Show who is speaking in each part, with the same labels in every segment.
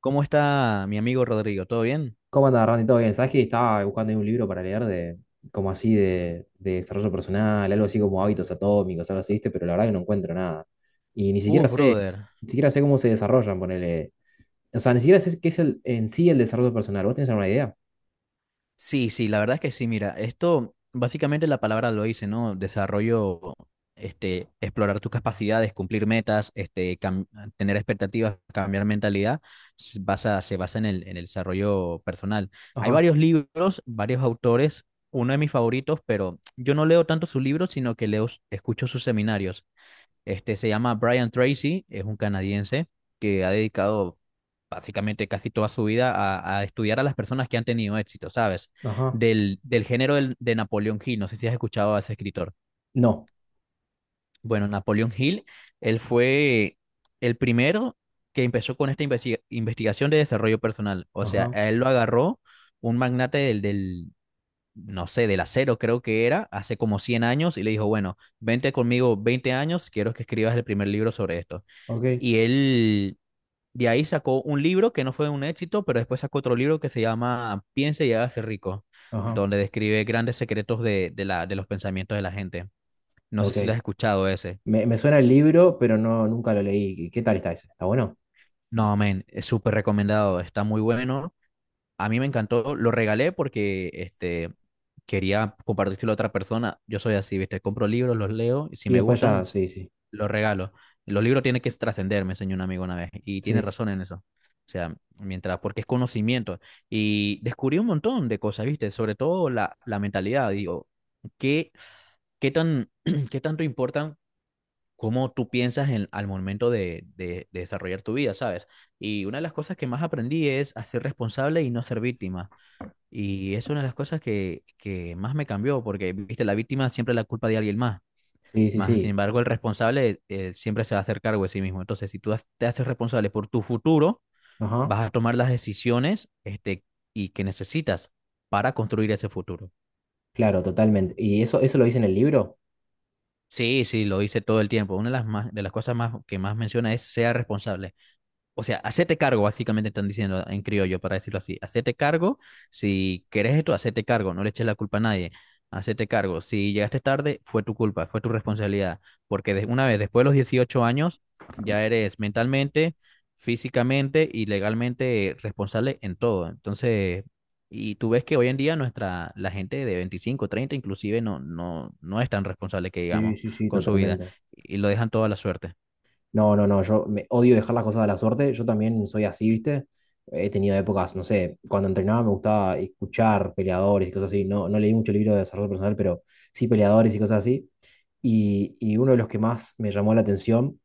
Speaker 1: ¿Cómo está mi amigo Rodrigo? ¿Todo bien?
Speaker 2: ¿Cómo anda, Randy? ¿Todo bien? ¿Sabes que estaba buscando ahí un libro para leer de, como así, de desarrollo personal, algo así como hábitos atómicos, algo así, ¿viste? Pero la verdad que no encuentro nada. Y ni siquiera
Speaker 1: Uf,
Speaker 2: sé,
Speaker 1: brother.
Speaker 2: ni siquiera sé cómo se desarrollan, ponele. O sea, ni siquiera sé qué es en sí el desarrollo personal. ¿Vos tenés alguna idea?
Speaker 1: Sí, la verdad es que sí, mira, esto básicamente la palabra lo dice, ¿no? Desarrollo, explorar tus capacidades, cumplir metas, tener expectativas, cambiar mentalidad, se basa en el desarrollo personal. Hay
Speaker 2: Ajá.
Speaker 1: varios libros, varios autores, uno de mis favoritos, pero yo no leo tanto sus libros, sino que leo, escucho sus seminarios. Este se llama Brian Tracy, es un canadiense que ha dedicado básicamente casi toda su vida a estudiar a las personas que han tenido éxito, ¿sabes?
Speaker 2: Ajá.
Speaker 1: Del género de Napoleon Hill, no sé si has escuchado a ese escritor.
Speaker 2: No.
Speaker 1: Bueno, Napoleon Hill, él fue el primero que empezó con esta investigación de desarrollo personal, o sea,
Speaker 2: Ajá.
Speaker 1: a él lo agarró un magnate no sé, del acero creo que era, hace como 100 años, y le dijo, bueno, vente conmigo 20 años, quiero que escribas el primer libro sobre esto.
Speaker 2: Ok.
Speaker 1: Y él de ahí sacó un libro que no fue un éxito, pero después sacó otro libro que se llama Piense y hágase rico,
Speaker 2: Ajá.
Speaker 1: donde describe grandes secretos de los pensamientos de la gente. No sé si lo
Speaker 2: Ok.
Speaker 1: has escuchado ese.
Speaker 2: Me suena el libro, pero no, nunca lo leí. ¿Qué tal está ese? ¿Está bueno?
Speaker 1: No, men, es súper recomendado, está muy bueno. A mí me encantó, lo regalé porque quería compartírselo a otra persona. Yo soy así, ¿viste? Compro libros, los leo y si
Speaker 2: Y
Speaker 1: me
Speaker 2: después
Speaker 1: gustan,
Speaker 2: ya, sí, sí,
Speaker 1: los regalo. Los libros tienen que trascender, me enseñó un amigo una vez y tiene
Speaker 2: sí,
Speaker 1: razón en eso. O sea, mientras, porque es conocimiento. Y descubrí un montón de cosas, ¿viste? Sobre todo la mentalidad. Digo, ¿qué, qué tan, qué tanto importan cómo tú piensas en, al momento de desarrollar tu vida, ¿sabes? Y una de las cosas que más aprendí es a ser responsable y no ser víctima. Y es una de las cosas que más me cambió, porque, viste, la víctima siempre es la culpa de alguien más.
Speaker 2: sí, sí,
Speaker 1: Más, sin
Speaker 2: sí.
Speaker 1: embargo, el responsable siempre se va a hacer cargo de sí mismo. Entonces, si tú te haces responsable por tu futuro,
Speaker 2: Ajá,
Speaker 1: vas a tomar las decisiones y que necesitas para construir ese futuro.
Speaker 2: claro, totalmente. ¿Y eso lo dice en el libro?
Speaker 1: Sí, sí, lo hice todo el tiempo. Una de las, más, de las cosas más, que más menciona es sea responsable. O sea, hacete cargo, básicamente están diciendo en criollo, para decirlo así. Hacete cargo, si querés esto, hacete cargo, no le eches la culpa a nadie. Hacete cargo, si llegaste tarde, fue tu culpa, fue tu responsabilidad, porque una vez después de los 18 años, ya eres mentalmente, físicamente y legalmente responsable en todo. Entonces, y tú ves que hoy en día la gente de 25, 30 inclusive no es tan responsable que
Speaker 2: Sí,
Speaker 1: digamos
Speaker 2: sí, sí,
Speaker 1: con su vida
Speaker 2: totalmente.
Speaker 1: y lo dejan toda la suerte.
Speaker 2: No, no, no, yo me odio dejar las cosas a la suerte. Yo también soy así, ¿viste? He tenido épocas, no sé, cuando entrenaba me gustaba escuchar peleadores y cosas así. No, no leí mucho libro de desarrollo personal, pero sí peleadores y cosas así. Y uno de los que más me llamó la atención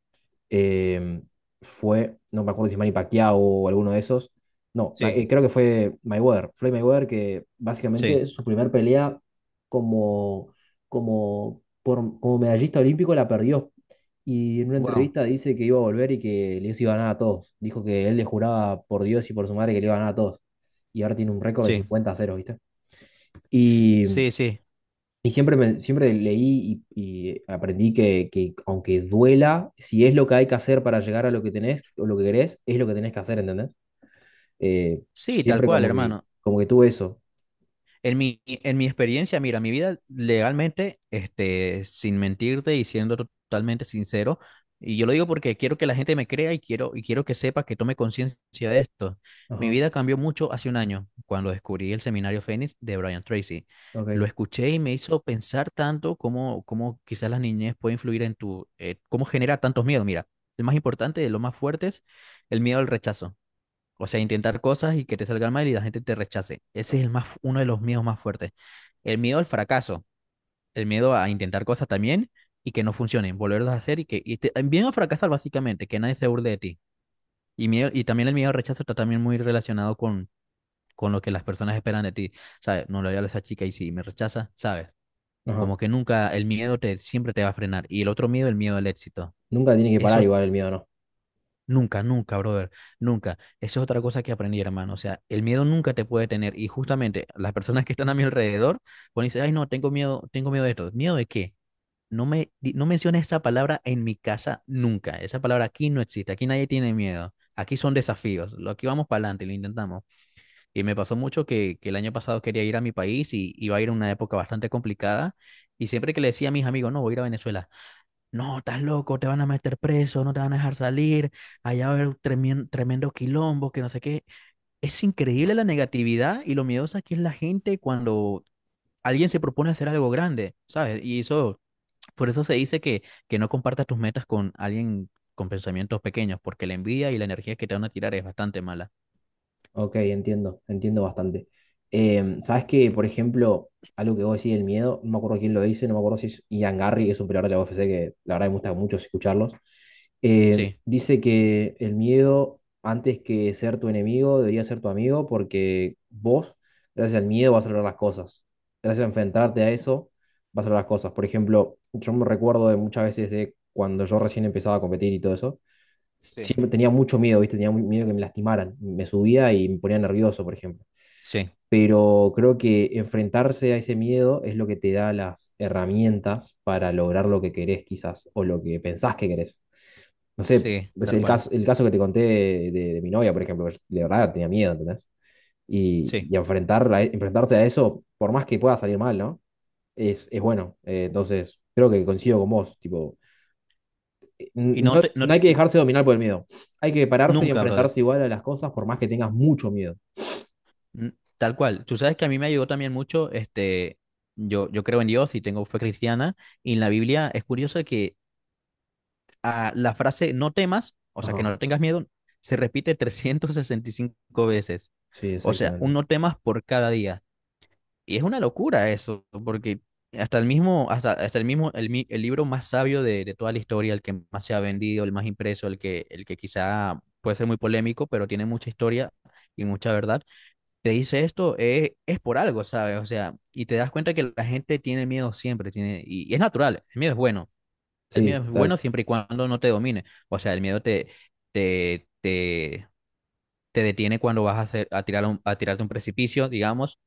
Speaker 2: eh, fue, no me acuerdo si Manny Pacquiao o alguno de esos. No,
Speaker 1: Sí,
Speaker 2: creo que fue Mayweather, Floyd Mayweather, que
Speaker 1: sí.
Speaker 2: básicamente su primer pelea como, como medallista olímpico la perdió. Y en una
Speaker 1: Wow,
Speaker 2: entrevista dice que iba a volver y que les iba a ganar a todos. Dijo que él le juraba por Dios y por su madre que le iba a ganar a todos. Y ahora tiene un récord de
Speaker 1: sí.
Speaker 2: cincuenta a 0, ¿viste? Y
Speaker 1: Sí, sí,
Speaker 2: y siempre leí y aprendí que aunque duela, si es lo que hay que hacer para llegar a lo que tenés o lo que querés, es lo que tenés que hacer, ¿entendés? Eh,
Speaker 1: sí, tal
Speaker 2: Siempre
Speaker 1: cual,
Speaker 2: como que,
Speaker 1: hermano.
Speaker 2: como que tuve eso.
Speaker 1: En mi experiencia, mira, mi vida legalmente, sin mentirte y siendo totalmente sincero, y yo lo digo porque quiero que la gente me crea y quiero que sepa que tome conciencia de esto. Mi
Speaker 2: Ajá,
Speaker 1: vida cambió mucho hace un año, cuando descubrí el seminario Fénix de Brian Tracy. Lo
Speaker 2: ok.
Speaker 1: escuché y me hizo pensar tanto cómo quizás la niñez puede influir en cómo genera tantos miedos. Mira, el más importante de los más fuertes, el miedo al rechazo. O sea, intentar cosas y que te salgan mal y la gente te rechace. Ese es el más, uno de los miedos más fuertes. El miedo al fracaso, el miedo a intentar cosas también y que no funcionen, volverlas a hacer y que el miedo a fracasar básicamente, que nadie se burle de ti. Y, miedo, y también el miedo al rechazo está también muy relacionado con lo que las personas esperan de ti. ¿Sabes? No le voy a hablar a esa chica y si me rechaza, ¿sabes?
Speaker 2: Ajá.
Speaker 1: Como que nunca, el miedo te, siempre te va a frenar. Y el otro miedo, el miedo al éxito.
Speaker 2: Nunca tiene que parar
Speaker 1: Esos
Speaker 2: igual el miedo, ¿no?
Speaker 1: nunca, nunca, brother, nunca. Esa es otra cosa que aprendí, hermano. O sea, el miedo nunca te puede tener. Y justamente las personas que están a mi alrededor, cuando decir, ay, no, tengo miedo de esto. ¿Miedo de qué? No menciones esa palabra en mi casa nunca. Esa palabra aquí no existe. Aquí nadie tiene miedo. Aquí son desafíos. Aquí vamos para adelante y lo intentamos. Y me pasó mucho que el año pasado quería ir a mi país y iba a ir a una época bastante complicada. Y siempre que le decía a mis amigos, no, voy a ir a Venezuela. No, estás loco, te van a meter preso, no te van a dejar salir, allá va a haber tremendo quilombo, que no sé qué. Es increíble la negatividad y lo miedosa que es la gente cuando alguien se propone hacer algo grande, ¿sabes? Y eso, por eso se dice que no compartas tus metas con alguien con pensamientos pequeños, porque la envidia y la energía que te van a tirar es bastante mala.
Speaker 2: Ok, entiendo, entiendo bastante. Por ejemplo, algo que vos decís del miedo, no me acuerdo quién lo dice, no me acuerdo si es Ian Garry, que es un peleador de la UFC, que la verdad me gusta mucho escucharlos.
Speaker 1: Sí,
Speaker 2: Dice que el miedo, antes que ser tu enemigo, debería ser tu amigo, porque vos, gracias al miedo, vas a lograr las cosas. Gracias a enfrentarte a eso, vas a lograr las cosas. Por ejemplo, yo me recuerdo de muchas veces de cuando yo recién empezaba a competir y todo eso
Speaker 1: sí,
Speaker 2: siempre tenía mucho miedo, ¿viste? Tenía muy miedo que me lastimaran. Me subía y me ponía nervioso, por ejemplo.
Speaker 1: sí,
Speaker 2: Pero creo que enfrentarse a ese miedo es lo que te da las herramientas para lograr lo que querés, quizás, o lo que pensás que querés. No sé,
Speaker 1: sí,
Speaker 2: es
Speaker 1: tal
Speaker 2: el
Speaker 1: cual,
Speaker 2: caso, el caso que te conté de, de mi novia, por ejemplo, que yo de verdad tenía miedo, ¿entendés? Y,
Speaker 1: sí.
Speaker 2: y enfrentarla, enfrentarse a eso, por más que pueda salir mal, ¿no? Es bueno. Entonces, creo que coincido con vos, tipo.
Speaker 1: Y
Speaker 2: No, no hay que dejarse dominar por el miedo. Hay que pararse y
Speaker 1: nunca, brother.
Speaker 2: enfrentarse igual a las cosas por más que tengas mucho miedo.
Speaker 1: Mm, tal cual. Tú sabes que a mí me ayudó también mucho, yo creo en Dios y tengo fe cristiana, y en la Biblia es curioso que la frase no temas, o sea, que
Speaker 2: Ajá,
Speaker 1: no tengas miedo, se repite 365 veces.
Speaker 2: sí,
Speaker 1: O sea, un
Speaker 2: exactamente.
Speaker 1: no temas por cada día. Y es una locura eso, porque hasta el mismo, el libro más sabio de toda la historia, el que más se ha vendido, el más impreso, el que quizá puede ser muy polémico, pero tiene mucha historia y mucha verdad te dice esto, es por algo, ¿sabes? O sea, y te das cuenta que la gente tiene miedo siempre, tiene, y es natural, el miedo es bueno, el miedo
Speaker 2: Sí,
Speaker 1: es
Speaker 2: total.
Speaker 1: bueno siempre y cuando no te domine, o sea, el miedo te, te, te, te detiene cuando vas a tirarte un precipicio, digamos,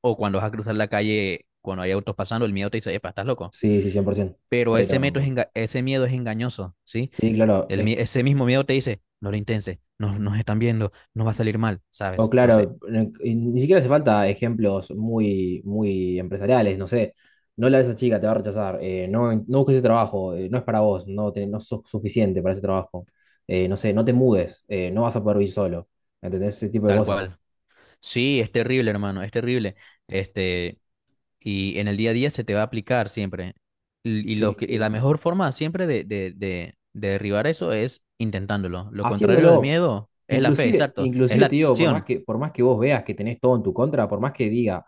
Speaker 1: o cuando vas a cruzar la calle cuando hay autos pasando, el miedo te dice, epa, estás loco.
Speaker 2: Sí, sí, 100%.
Speaker 1: Pero
Speaker 2: Pero,
Speaker 1: ese miedo es engañoso, ¿sí?
Speaker 2: sí, claro.
Speaker 1: Ese mismo miedo te dice, no lo intenses, nos están viendo, no va a salir mal,
Speaker 2: O
Speaker 1: ¿sabes? Entonces,
Speaker 2: claro, y ni siquiera hace falta ejemplos muy, muy empresariales. No sé, no la de esa chica, te va a rechazar. No, no busques ese trabajo, no es para vos, no, no sos suficiente para ese trabajo. No sé, no te mudes, no vas a poder vivir solo. ¿Entendés? Ese tipo de
Speaker 1: tal
Speaker 2: cosas.
Speaker 1: cual. Sí, es terrible, hermano, es terrible. Este, y en el día a día se te va a aplicar siempre. Y, y
Speaker 2: Sí,
Speaker 1: lo que,
Speaker 2: sí.
Speaker 1: y la mejor forma siempre de derribar eso es intentándolo. Lo contrario del
Speaker 2: Haciéndolo.
Speaker 1: miedo es la fe,
Speaker 2: Inclusive,
Speaker 1: exacto. Es
Speaker 2: inclusive
Speaker 1: la
Speaker 2: te digo, por más
Speaker 1: acción,
Speaker 2: que, por más que vos veas que tenés todo en tu contra, por más que diga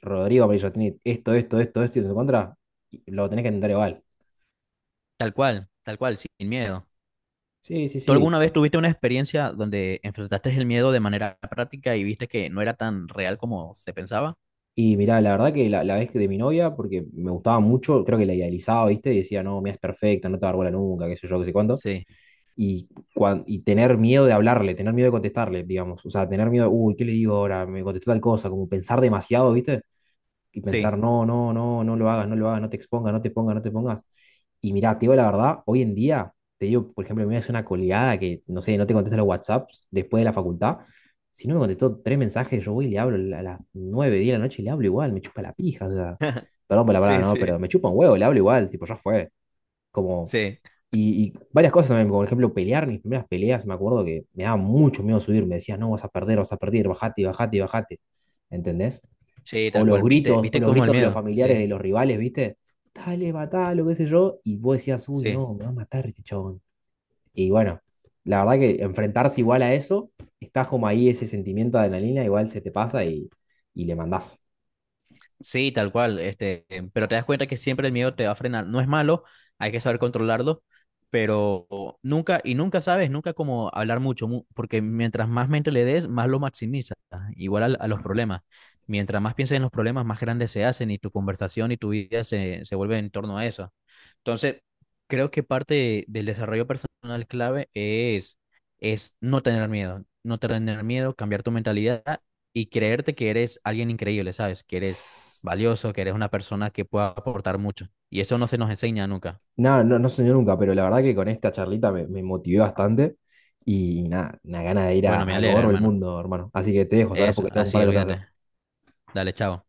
Speaker 2: Rodrigo Amarillo tiene esto, esto, esto, esto en su contra, lo tenés que intentar igual.
Speaker 1: tal cual, sin miedo.
Speaker 2: Sí, sí,
Speaker 1: ¿Tú
Speaker 2: sí.
Speaker 1: alguna vez tuviste una experiencia donde enfrentaste el miedo de manera práctica y viste que no era tan real como se pensaba?
Speaker 2: Y mirá, la verdad que la vez que de mi novia, porque me gustaba mucho, creo que la idealizaba, ¿viste? Y decía, no, mira, es perfecta, no te va a dar bola nunca, qué sé yo, qué sé cuánto.
Speaker 1: Sí,
Speaker 2: Y, y tener miedo de hablarle, tener miedo de contestarle, digamos. O sea, tener miedo, uy, ¿qué le digo ahora? Me contestó tal cosa, como pensar demasiado, ¿viste? Y pensar,
Speaker 1: sí,
Speaker 2: no, no, no, no lo hagas, no lo hagas, no te expongas, no te pongas, no te pongas. Y mira, te digo la verdad, hoy en día, te digo, por ejemplo, me hace una coleada que, no sé, no te contesta los WhatsApps después de la facultad. Si no me contestó tres mensajes, yo voy y le hablo a las 9, 10 de la noche y le hablo igual, me chupa la pija, o sea, perdón por la palabra,
Speaker 1: sí,
Speaker 2: no, pero
Speaker 1: sí,
Speaker 2: me chupa un huevo, le hablo igual, tipo, ya fue. Como,
Speaker 1: sí,
Speaker 2: y varias cosas también, como por ejemplo, pelear, mis primeras peleas, me acuerdo que me daba mucho miedo subir, me decías, no, vas a perder, bajate, bajate, bajate, ¿entendés?
Speaker 1: sí,
Speaker 2: O
Speaker 1: tal
Speaker 2: los
Speaker 1: cual. ¿Viste?
Speaker 2: gritos, o
Speaker 1: ¿Viste
Speaker 2: los
Speaker 1: cómo el
Speaker 2: gritos de los
Speaker 1: miedo?
Speaker 2: familiares
Speaker 1: Sí,
Speaker 2: de los rivales, ¿viste? Dale, matalo, qué sé yo, y vos decías, uy,
Speaker 1: sí.
Speaker 2: no, me va a matar este chabón. Y bueno, la verdad que enfrentarse igual a eso, está como ahí ese sentimiento de adrenalina, igual se te pasa y le mandás.
Speaker 1: Sí, tal cual, pero te das cuenta que siempre el miedo te va a frenar. No es malo, hay que saber controlarlo, pero nunca, y nunca sabes, nunca como hablar mucho, porque mientras más mente le des, más lo maximizas, igual a los problemas. Mientras más pienses en los problemas, más grandes se hacen y tu conversación y tu vida se vuelve en torno a eso. Entonces, creo que parte del desarrollo personal clave es no tener miedo, no tener miedo, cambiar tu mentalidad y creerte que eres alguien increíble, ¿sabes? Que eres valioso, que eres una persona que pueda aportar mucho. Y eso no se nos enseña nunca.
Speaker 2: Nada, no, no soñé nunca, pero la verdad que con esta charlita me motivé bastante y nada, una gana de ir a,
Speaker 1: Bueno, me
Speaker 2: a
Speaker 1: alegra,
Speaker 2: gobernar el
Speaker 1: hermano.
Speaker 2: mundo, hermano. Así que te dejo, ¿sabes?
Speaker 1: Eso,
Speaker 2: Porque tengo un par
Speaker 1: así,
Speaker 2: de cosas que hacer.
Speaker 1: olvídate. Dale, chao.